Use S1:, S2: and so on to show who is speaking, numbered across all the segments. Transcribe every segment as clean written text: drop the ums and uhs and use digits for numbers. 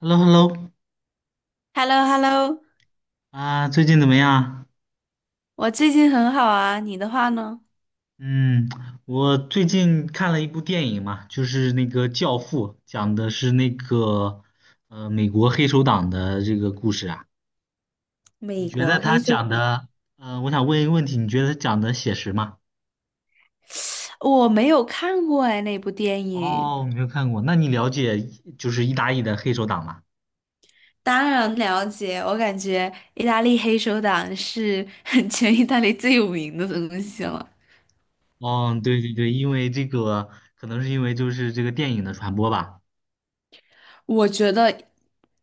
S1: Hello,Hello,
S2: h e l l o h e l l o
S1: 啊，最近怎么样？
S2: 我最近很好啊，你的话呢？
S1: 嗯，我最近看了一部电影嘛，就是那个《教父》，讲的是那个美国黑手党的这个故事啊。你
S2: 美
S1: 觉得
S2: 国黑
S1: 他
S2: 手
S1: 讲
S2: 党。
S1: 的，我想问一个问题，你觉得他讲的写实吗？
S2: 我没有看过哎，那部电影。
S1: 哦，没有看过，那你了解就是意大利的黑手党吗？
S2: 当然了解，我感觉意大利黑手党是 全意大利最有名的东西了。
S1: 哦，对对对，因为这个可能是因为就是这个电影的传播吧。
S2: 我觉得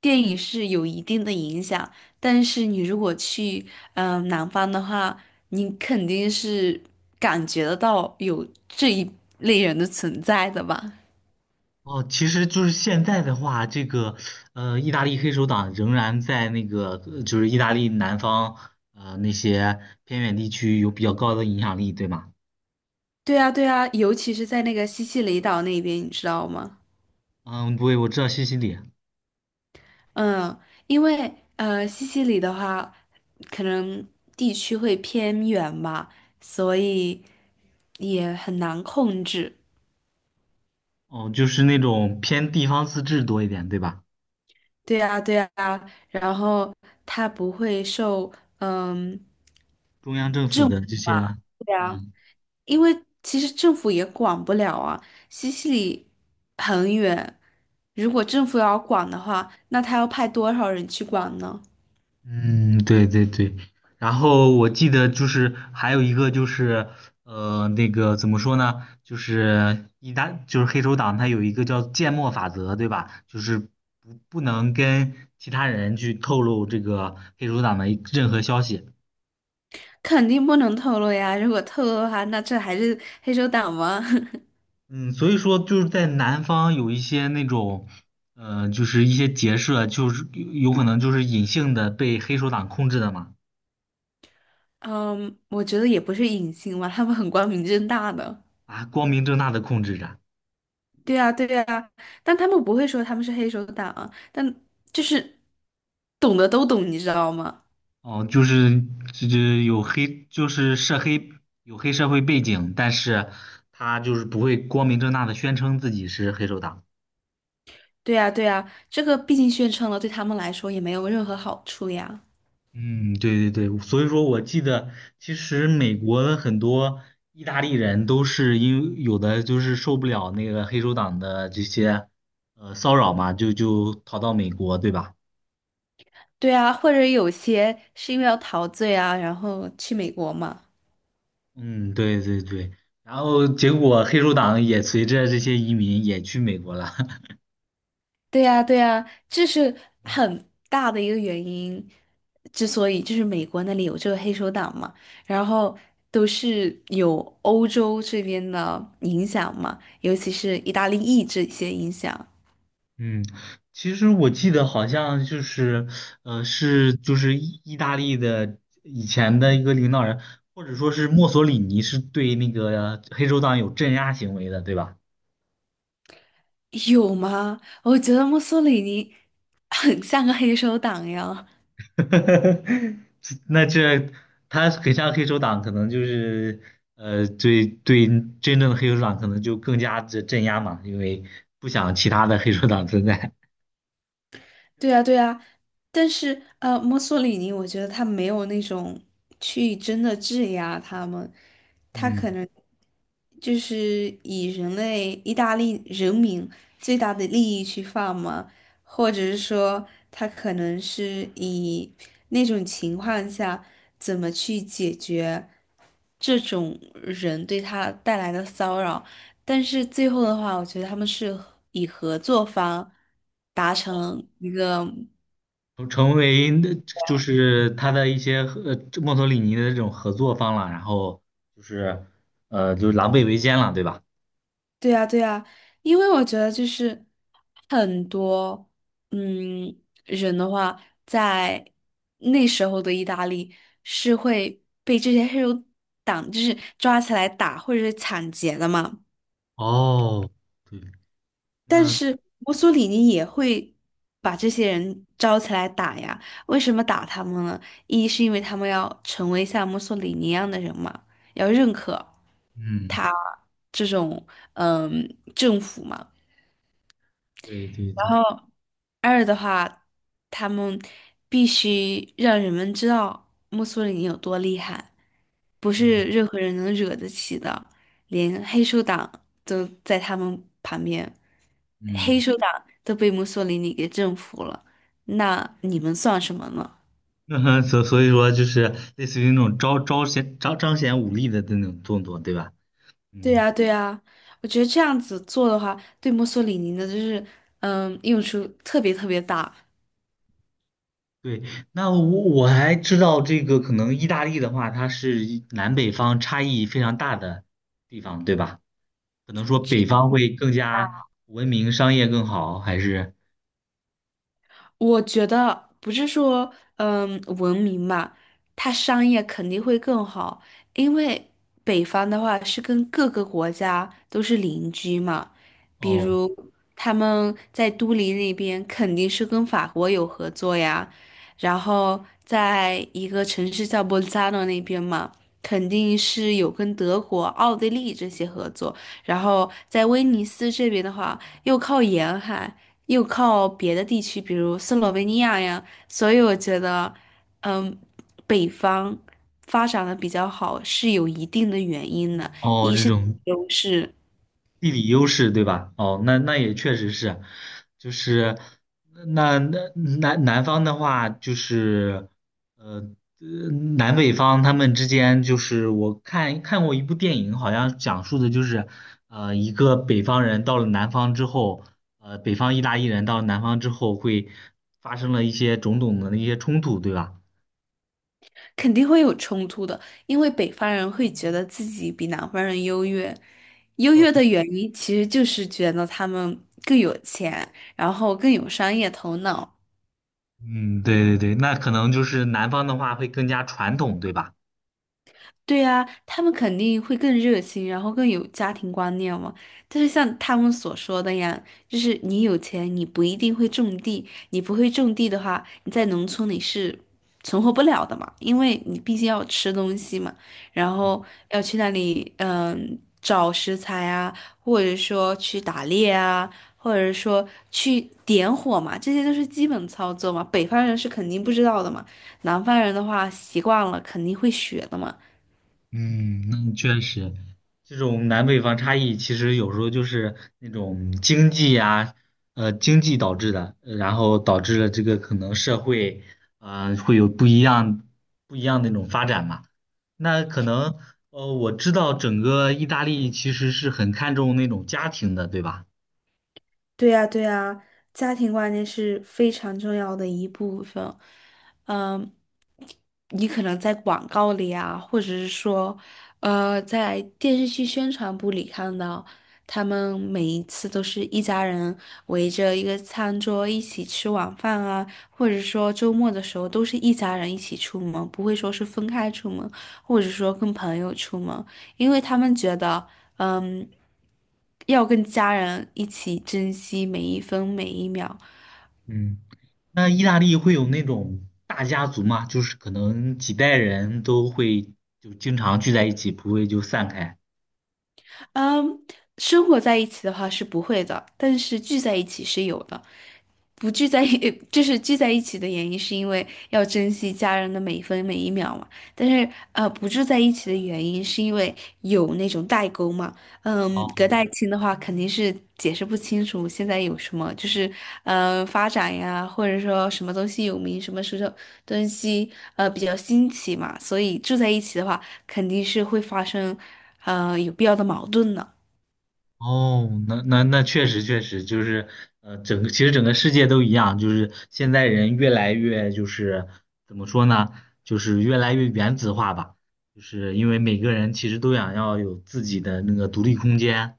S2: 电影是有一定的影响，但是你如果去南方的话，你肯定是感觉得到有这一类人的存在的吧。
S1: 哦，其实就是现在的话，意大利黑手党仍然在那个就是意大利南方那些偏远地区有比较高的影响力，对吗？
S2: 对啊，对啊，尤其是在那个西西里岛那边，你知道吗？
S1: 嗯，对，我知道西西里，
S2: 嗯，因为西西里的话，可能地区会偏远嘛，所以也很难控制。
S1: 哦，就是那种偏地方自治多一点，对吧？
S2: 对啊，对啊，然后它不会受嗯
S1: 中央政府
S2: 政
S1: 的
S2: 府
S1: 这些，
S2: 啊，对啊，
S1: 嗯。
S2: 因为其实政府也管不了啊。西西里很远，如果政府要管的话，那他要派多少人去管呢？
S1: 嗯，对对对，然后我记得就是还有一个就是那个怎么说呢，就是一旦就是黑手党它有一个叫缄默法则，对吧？就是不能跟其他人去透露这个黑手党的任何消息。
S2: 肯定不能透露呀！如果透露的话，那这还是黑手党吗？
S1: 嗯，所以说就是在南方有一些那种就是一些结社，就是有可能就是隐性的被黑手党控制的嘛，
S2: 嗯，我觉得也不是隐性嘛，他们很光明正大的。
S1: 啊，光明正大的控制着。
S2: 对啊，对啊，但他们不会说他们是黑手党啊，但就是懂的都懂，你知道吗？
S1: 哦，就是这有黑，就是涉黑有黑社会背景，但是他就是不会光明正大的宣称自己是黑手党。
S2: 对啊，对啊，这个毕竟宣称了，对他们来说也没有任何好处呀。
S1: 嗯，对对对，所以说我记得，其实美国的很多意大利人都是因为有的就是受不了那个黑手党的这些骚扰嘛，就逃到美国，对吧？
S2: 对啊，或者有些是因为要逃罪啊，然后去美国嘛。
S1: 嗯，对对对，然后结果黑手党也随着这些移民也去美国了。
S2: 对呀，对呀，这是很大的一个原因，之所以就是美国那里有这个黑手党嘛，然后都是有欧洲这边的影响嘛，尤其是意大利裔这些影响。
S1: 嗯，其实我记得好像就是，呃，是就是意大利的以前的一个领导人，或者说是墨索里尼是对那个黑手党有镇压行为的，对吧？
S2: 有吗？我觉得墨索里尼很像个黑手党呀。
S1: 那这他很像黑手党，可能就是呃，对对，真正的黑手党可能就更加的镇压嘛，因为不想其他的黑手党存在。
S2: 对呀，对呀，但是墨索里尼我觉得他没有那种去真的质押他们，他
S1: 嗯。
S2: 可能就是以人类意大利人民最大的利益去放嘛，或者是说他可能是以那种情况下怎么去解决这种人对他带来的骚扰，但是最后的话，我觉得他们是和以合作方达成一个。
S1: 成为那就是他的一些墨索里尼的这种合作方了，然后就是就狼狈为奸了，对吧？
S2: 对呀，对呀，因为我觉得就是很多嗯人的话，在那时候的意大利是会被这些黑手党就是抓起来打或者是抢劫的嘛。
S1: 哦，对，
S2: 但
S1: 那
S2: 是墨索里尼也会把这些人招起来打呀。为什么打他们呢？一是因为他们要成为像墨索里尼一样的人嘛，要认可
S1: 嗯，
S2: 他这种嗯政府嘛。
S1: 对对
S2: 然
S1: 对，
S2: 后二的话，他们必须让人们知道墨索里尼有多厉害，不是
S1: 嗯
S2: 任何人能惹得起的，连黑手党都在他们旁边，黑
S1: 嗯，
S2: 手党都被墨索里尼给征服了，那你们算什么呢？
S1: 那所以说就是类似于那种显彰显武力的那种动作，对吧？
S2: 对
S1: 嗯，
S2: 呀，对呀，我觉得这样子做的话，对墨索里尼的就是，嗯，用处特别特别大。
S1: 对。那我还知道这个可能意大利的话，它是一南北方差异非常大的地方，对吧？可能说北方会更加文明、商业更好，还是
S2: 我觉得不是说，嗯，文明嘛，它商业肯定会更好，因为北方的话是跟各个国家都是邻居嘛，比
S1: 哦
S2: 如他们在都灵那边肯定是跟法国有合作呀，然后在一个城市叫博扎诺那边嘛，肯定是有跟德国、奥地利这些合作，然后在威尼斯这边的话，又靠沿海。又靠别的地区，比如斯洛文尼亚呀，所以我觉得，嗯，北方发展的比较好是有一定的原因的，
S1: 哦
S2: 一
S1: 这
S2: 是
S1: 种
S2: 优势。
S1: 地理优势，对吧？哦，那那也确实是，就是那那南南方的话，就是呃呃南北方他们之间，就是我看过一部电影，好像讲述的就是一个北方人到了南方之后，北方意大利人到了南方之后会发生了一些种种的那些冲突，对吧？
S2: 肯定会有冲突的，因为北方人会觉得自己比南方人优越，优
S1: 到
S2: 越的原因其实就是觉得他们更有钱，然后更有商业头脑。
S1: 嗯，对对对，那可能就是南方的话会更加传统，对吧？
S2: 对呀，他们肯定会更热心，然后更有家庭观念嘛。但是像他们所说的呀，就是你有钱，你不一定会种地，你不会种地的话，你在农村你是存活不了的嘛，因为你毕竟要吃东西嘛，然后要去那里找食材啊，或者说去打猎啊，或者说去点火嘛，这些都是基本操作嘛，北方人是肯定不知道的嘛，南方人的话习惯了肯定会学的嘛。
S1: 嗯，那确实，这种南北方差异其实有时候就是那种经济呀、经济导致的，然后导致了这个可能社会，呃，会有不一样的那种发展嘛。那可能，呃，我知道整个意大利其实是很看重那种家庭的，对吧？
S2: 对呀，对呀，家庭观念是非常重要的一部分。嗯，你可能在广告里啊，或者是说，在电视剧宣传部里看到，他们每一次都是一家人围着一个餐桌一起吃晚饭啊，或者说周末的时候都是一家人一起出门，不会说是分开出门，或者说跟朋友出门。因为他们觉得，嗯，要跟家人一起珍惜每一分每一秒。
S1: 嗯，那意大利会有那种大家族吗？就是可能几代人都会就经常聚在一起，不会就散开。
S2: 嗯，生活在一起的话是不会的，但是聚在一起是有的。不聚在一，就是聚在一起的原因，是因为要珍惜家人的每一分每一秒嘛。但是，不住在一起的原因，是因为有那种代沟嘛。嗯，隔代亲的话，肯定是解释不清楚现在有什么，就是发展呀，或者说什么东西有名，什么时候东西比较新奇嘛。所以住在一起的话，肯定是会发生有必要的矛盾的。
S1: 哦，那确实就是，呃，其实整个世界都一样，就是现在人越来越就是怎么说呢，就是越来越原子化吧，就是因为每个人其实都想要有自己的那个独立空间，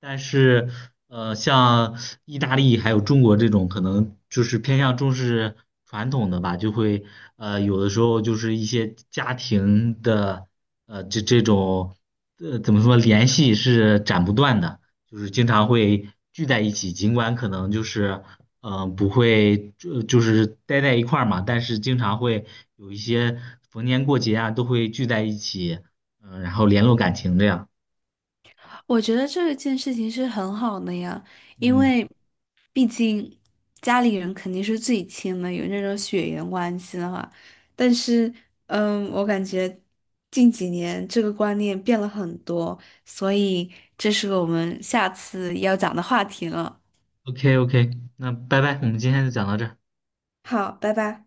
S1: 但是呃，像意大利还有中国这种可能就是偏向重视传统的吧，就会有的时候就是一些家庭的这种怎么说联系是斩不断的。就是经常会聚在一起，尽管可能就是不会就是待在一块儿嘛，但是经常会有一些逢年过节啊都会聚在一起，嗯、然后联络感情这样。
S2: 我觉得这件事情是很好的呀，因
S1: 嗯
S2: 为毕竟家里人肯定是最亲的，有那种血缘关系的话。但是，嗯，我感觉近几年这个观念变了很多，所以这是我们下次要讲的话题了。
S1: ，OK OK,那拜拜，我们今天就讲到这儿。
S2: 好，拜拜。